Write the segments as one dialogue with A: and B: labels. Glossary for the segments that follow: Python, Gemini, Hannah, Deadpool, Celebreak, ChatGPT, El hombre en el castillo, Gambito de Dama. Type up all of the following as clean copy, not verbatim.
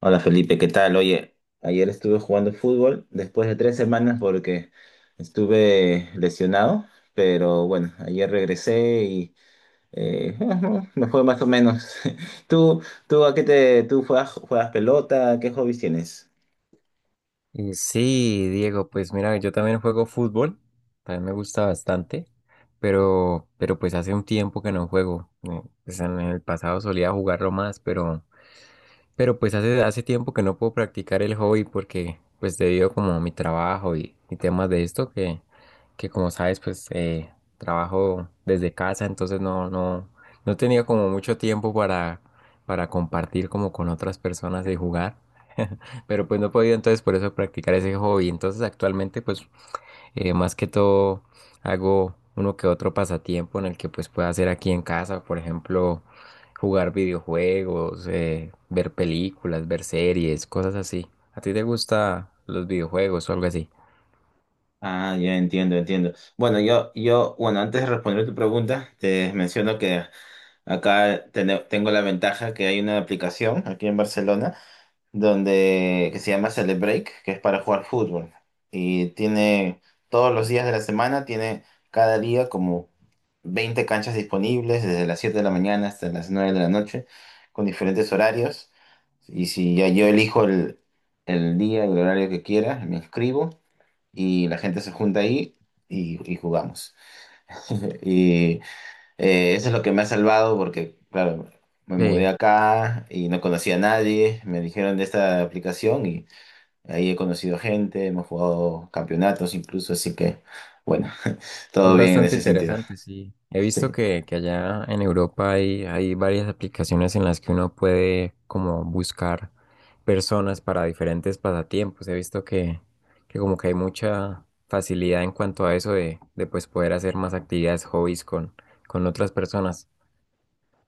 A: Hola Felipe, ¿qué tal? Oye, ayer estuve jugando fútbol después de 3 semanas porque estuve lesionado, pero bueno, ayer regresé y eh, me fue más o menos. ¿Tú, tú juegas pelota? ¿Qué hobbies tienes?
B: Y sí, Diego, pues mira, yo también juego fútbol, también me gusta bastante, pero pues hace un tiempo que no juego. Pues en el pasado solía jugarlo más, pero pues hace tiempo que no puedo practicar el hobby porque pues debido como a mi trabajo y temas de esto que como sabes pues trabajo desde casa entonces no tenía como mucho tiempo para compartir como con otras personas y jugar. Pero pues no he podido entonces por eso practicar ese hobby. Entonces actualmente pues más que todo hago uno que otro pasatiempo en el que pues pueda hacer aquí en casa, por ejemplo, jugar videojuegos, ver películas, ver series, cosas así. ¿A ti te gustan los videojuegos o algo así?
A: Ah, ya entiendo, entiendo. Bueno, bueno, antes de responder tu pregunta, te menciono que acá tengo la ventaja que hay una aplicación aquí en Barcelona donde que se llama Celebreak, que es para jugar fútbol. Y tiene todos los días de la semana, tiene cada día como 20 canchas disponibles, desde las 7 de la mañana hasta las 9 de la noche, con diferentes horarios. Y si ya yo elijo el día y el horario que quiera, me inscribo y la gente se junta ahí y jugamos. Y eso es lo que me ha salvado porque, claro, me mudé
B: Sí.
A: acá y no conocía a nadie. Me dijeron de esta aplicación. Ahí he conocido gente, hemos jugado campeonatos incluso, así que bueno,
B: Es
A: todo bien en
B: bastante
A: ese sentido.
B: interesante, sí. He visto
A: Sí,
B: que allá en Europa hay, hay varias aplicaciones en las que uno puede como buscar personas para diferentes pasatiempos. He visto que como que hay mucha facilidad en cuanto a eso de pues poder hacer más actividades, hobbies con otras personas.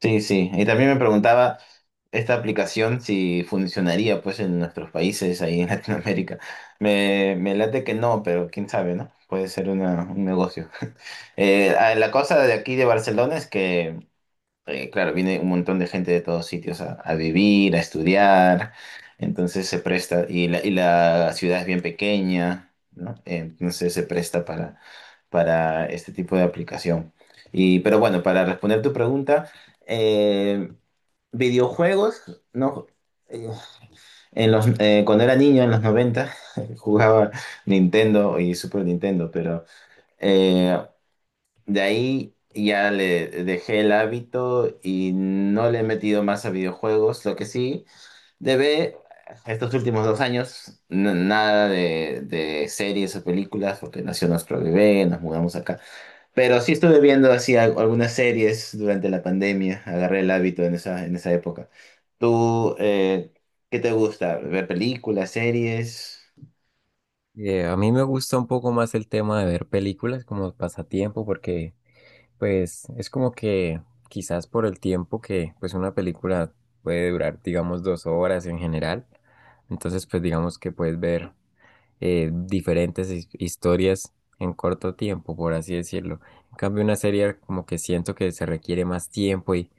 A: sí, sí. Y también me preguntaba esta aplicación si funcionaría pues en nuestros países, ahí en Latinoamérica. Me late que no, pero quién sabe, ¿no? Puede ser un negocio. La cosa de aquí de Barcelona es que claro, viene un montón de gente de todos sitios a vivir, a estudiar, entonces se presta, y y la ciudad es bien pequeña, ¿no? Entonces se presta para este tipo de aplicación. Y pero bueno, para responder tu pregunta, eh, videojuegos, ¿no? Eh, cuando era niño, en los 90 jugaba Nintendo y Super Nintendo, pero... eh, de ahí ya le dejé el hábito y no le he metido más a videojuegos. Lo que sí, debe estos últimos 2 años, nada de series o películas, porque nació nuestro bebé, nos mudamos acá. Pero sí estuve viendo así algunas series durante la pandemia, agarré el hábito en esa época. ¿Tú, qué te gusta? ¿Ver películas, series?
B: A mí me gusta un poco más el tema de ver películas como pasatiempo porque pues es como que quizás por el tiempo que pues una película puede durar, digamos, 2 horas en general. Entonces, pues digamos que puedes ver diferentes historias en corto tiempo, por así decirlo. En cambio, una serie como que siento que se requiere más tiempo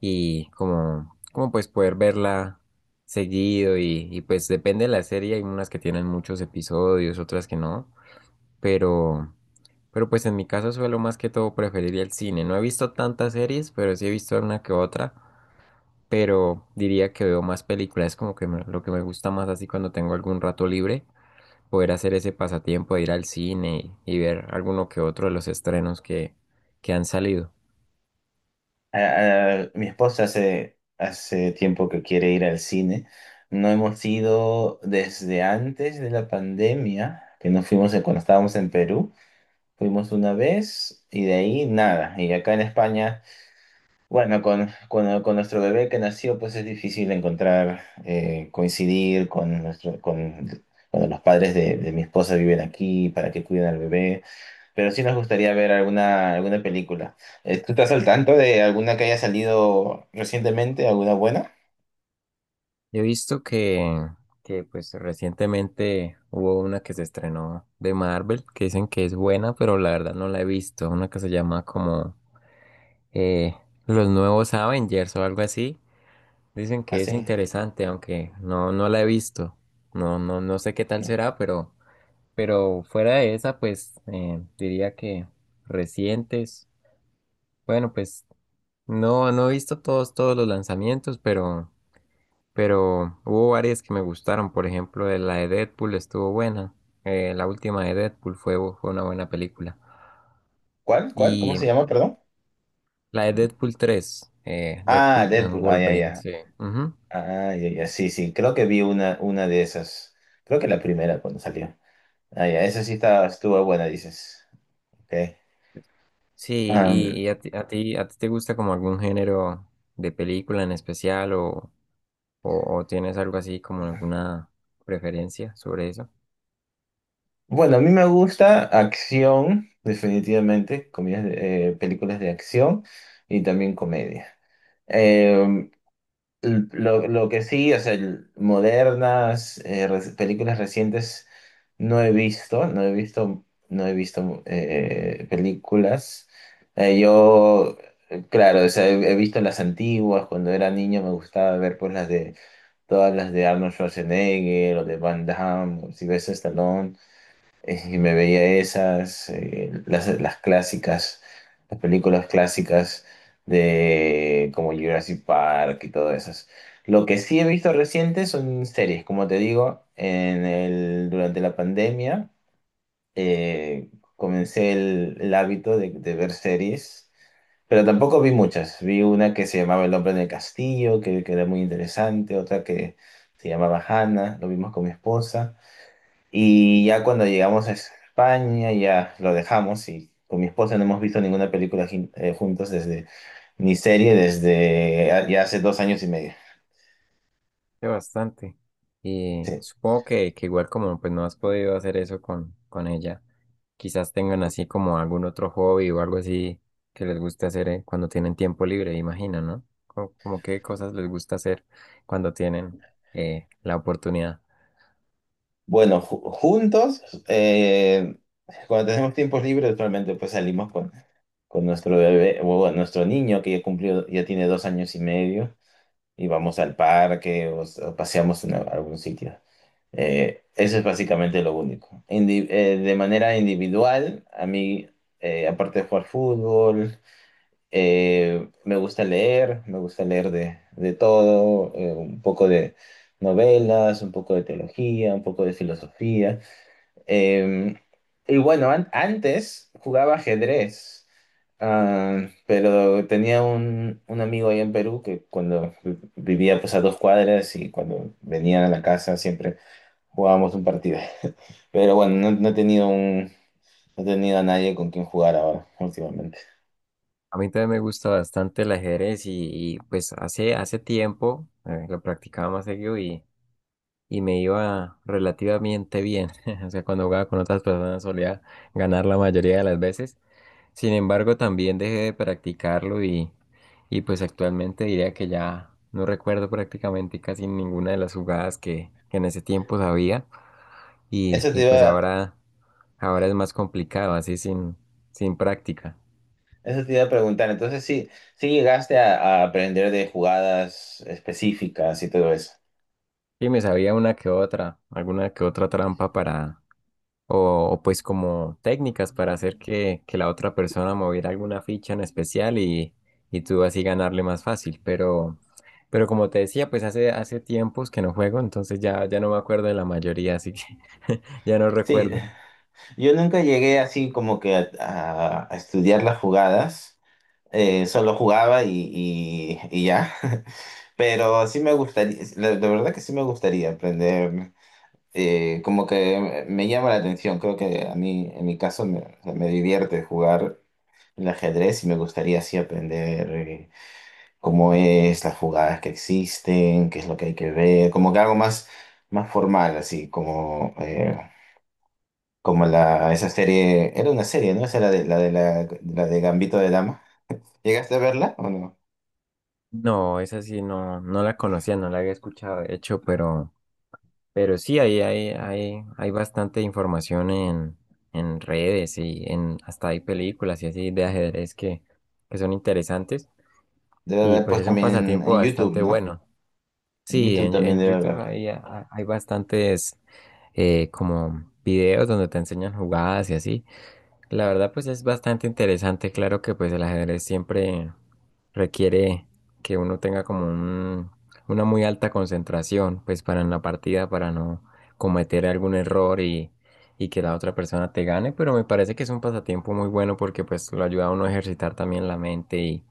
B: y como, como pues poder verla seguido y pues depende de la serie. Hay unas que tienen muchos episodios, otras que no, pero pues en mi caso suelo más que todo preferiría el cine. No he visto tantas series, pero sí he visto una que otra. Pero diría que veo más películas, como que lo que me gusta más así cuando tengo algún rato libre, poder hacer ese pasatiempo de ir al cine y ver alguno que otro de los estrenos que han salido.
A: Mi esposa hace tiempo que quiere ir al cine. No hemos ido desde antes de la pandemia, que nos fuimos cuando estábamos en Perú. Fuimos una vez y de ahí nada. Y acá en España, bueno, con nuestro bebé que nació, pues es difícil encontrar, coincidir con, nuestro, con, cuando los padres de mi esposa viven aquí para que cuiden al bebé. Pero sí nos gustaría ver alguna película. ¿Tú estás al tanto de alguna que haya salido recientemente? ¿Alguna buena?
B: He visto que pues recientemente hubo una que se estrenó de Marvel, que dicen que es buena, pero la verdad no la he visto. Una que se llama como eh, Los Nuevos Avengers o algo así. Dicen que es
A: Así.
B: interesante, aunque no, no la he visto. No, no sé qué tal
A: No.
B: será, pero fuera de esa, pues diría que recientes. Bueno, pues no, no he visto todos, todos los lanzamientos, pero hubo varias que me gustaron. Por ejemplo, la de Deadpool estuvo buena. La última de Deadpool fue, fue una buena película.
A: ¿Cuál? ¿Cuál? ¿Cómo
B: Y
A: se llama? Perdón.
B: la de Deadpool 3,
A: Ah,
B: Deadpool and
A: Deadpool. Ah, ya,
B: Wolverine,
A: ya.
B: sí. Ujú.
A: Ah, ya, ya. Sí, sí. Creo que vi una de esas. Creo que la primera cuando salió. Ah, ya. Esa sí estaba, estuvo buena, dices. Ok.
B: Sí, y,
A: Am,
B: y a ti, a ti te gusta como algún género de película en especial o tienes algo así como alguna preferencia sobre eso?
A: bueno, a mí me gusta acción, definitivamente. Comidas películas de acción y también comedia. Em, lo que sí, o sea, modernas, películas recientes no he visto, no he visto, no he visto películas. Eh, yo, claro, o sea, he visto las antiguas, cuando era niño me gustaba ver pues todas las de Arnold Schwarzenegger o de Van Damme o Sylvester Stallone, y me veía las clásicas, las películas clásicas de como Jurassic Park y todas esas. Lo que sí he visto reciente son series, como te digo, durante la pandemia eh, comencé el hábito de ver series, pero tampoco vi muchas. Vi una que se llamaba El hombre en el castillo, que era muy interesante, otra que se llamaba Hannah, lo vimos con mi esposa. Y ya cuando llegamos a España, ya lo dejamos y con mi esposa no hemos visto ninguna película juntos desde, ni serie desde ya hace 2 años y medio.
B: Sí, bastante. Y
A: Sí.
B: supongo que igual como pues no has podido hacer eso con ella, quizás tengan así como algún otro hobby o algo así que les guste hacer cuando tienen tiempo libre, imagino, ¿no? Como, como qué cosas les gusta hacer cuando tienen la oportunidad.
A: Bueno, juntos, eh, cuando tenemos tiempos libres, actualmente pues salimos con nuestro bebé, o bueno, nuestro niño que ya cumplió, ya tiene 2 años y medio. Y vamos al parque o paseamos en algún sitio. Eso es básicamente lo único. De manera individual, a mí, aparte de jugar fútbol, me gusta leer de todo, un poco de novelas, un poco de teología, un poco de filosofía. Eh, y bueno, antes jugaba ajedrez, pero tenía un amigo ahí en Perú que cuando vivía pues a 2 cuadras y cuando venían a la casa siempre jugábamos un partido. Pero bueno, no, no he tenido a nadie con quien jugar ahora últimamente.
B: A mí también me gusta bastante el ajedrez y, pues hace tiempo, lo practicaba más seguido y me iba relativamente bien. O sea, cuando jugaba con otras personas solía ganar la mayoría de las veces. Sin embargo, también dejé de practicarlo y pues actualmente diría que ya no recuerdo prácticamente casi ninguna de las jugadas que en ese tiempo sabía
A: Eso te
B: y pues
A: iba,
B: ahora es más complicado, así sin, sin práctica.
A: eso te iba a preguntar. Entonces sí, sí llegaste a aprender de jugadas específicas y todo eso.
B: Sí, me sabía una que otra, alguna que otra trampa para, o pues como técnicas para hacer que la otra persona moviera alguna ficha en especial y tú así ganarle más fácil. Pero como te decía, pues hace tiempos que no juego, entonces ya no me acuerdo de la mayoría, así que ya no
A: Sí,
B: recuerdo.
A: yo nunca llegué así como que a estudiar las jugadas, solo jugaba y ya, pero sí me gustaría, la verdad que sí me gustaría aprender, como que me llama la atención, creo que a mí, en mi caso, me, o sea, me divierte jugar el ajedrez y me gustaría así aprender cómo es, las jugadas que existen, qué es lo que hay que ver, como que algo más formal, así como... como esa serie, era una serie, ¿no? Esa era la de Gambito de Dama. ¿Llegaste a verla o no?
B: No, esa sí no, no la conocía, no la había escuchado, de hecho, pero sí, hay bastante información en redes y en, hasta hay películas y así de ajedrez que son interesantes
A: Debe
B: y
A: haber
B: pues
A: pues
B: es un
A: también
B: pasatiempo
A: en YouTube,
B: bastante
A: ¿no?
B: bueno.
A: En
B: Sí,
A: YouTube también
B: en
A: debe
B: YouTube
A: haber.
B: hay, hay bastantes como videos donde te enseñan jugadas y así. La verdad, pues es bastante interesante. Claro que pues el ajedrez siempre requiere que uno tenga como una muy alta concentración, pues para en la partida, para no cometer algún error y que la otra persona te gane. Pero me parece que es un pasatiempo muy bueno porque pues lo ayuda a uno a ejercitar también la mente y,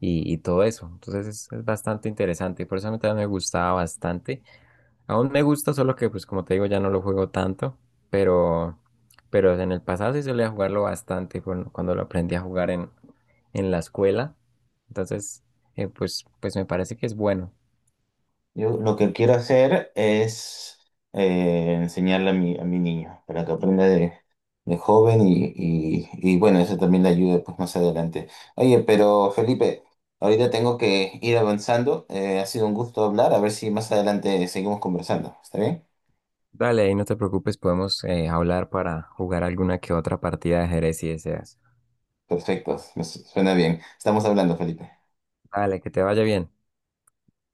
B: y, y todo eso. Entonces es bastante interesante. Por eso a mí también me gustaba bastante. Aún me gusta, solo que pues como te digo ya no lo juego tanto, pero pero en el pasado sí solía jugarlo bastante cuando, cuando lo aprendí a jugar en la escuela. Entonces, pues, pues me parece que es bueno.
A: Yo lo que quiero hacer es enseñarle a mi niño para que aprenda de joven y bueno, eso también le ayude pues más adelante. Oye, pero Felipe, ahorita tengo que ir avanzando. Ha sido un gusto hablar. A ver si más adelante seguimos conversando. ¿Está bien?
B: Dale, ahí no te preocupes, podemos hablar para jugar alguna que otra partida de ajedrez si deseas.
A: Perfecto, me suena bien. Estamos hablando, Felipe.
B: Dale, que te vaya bien.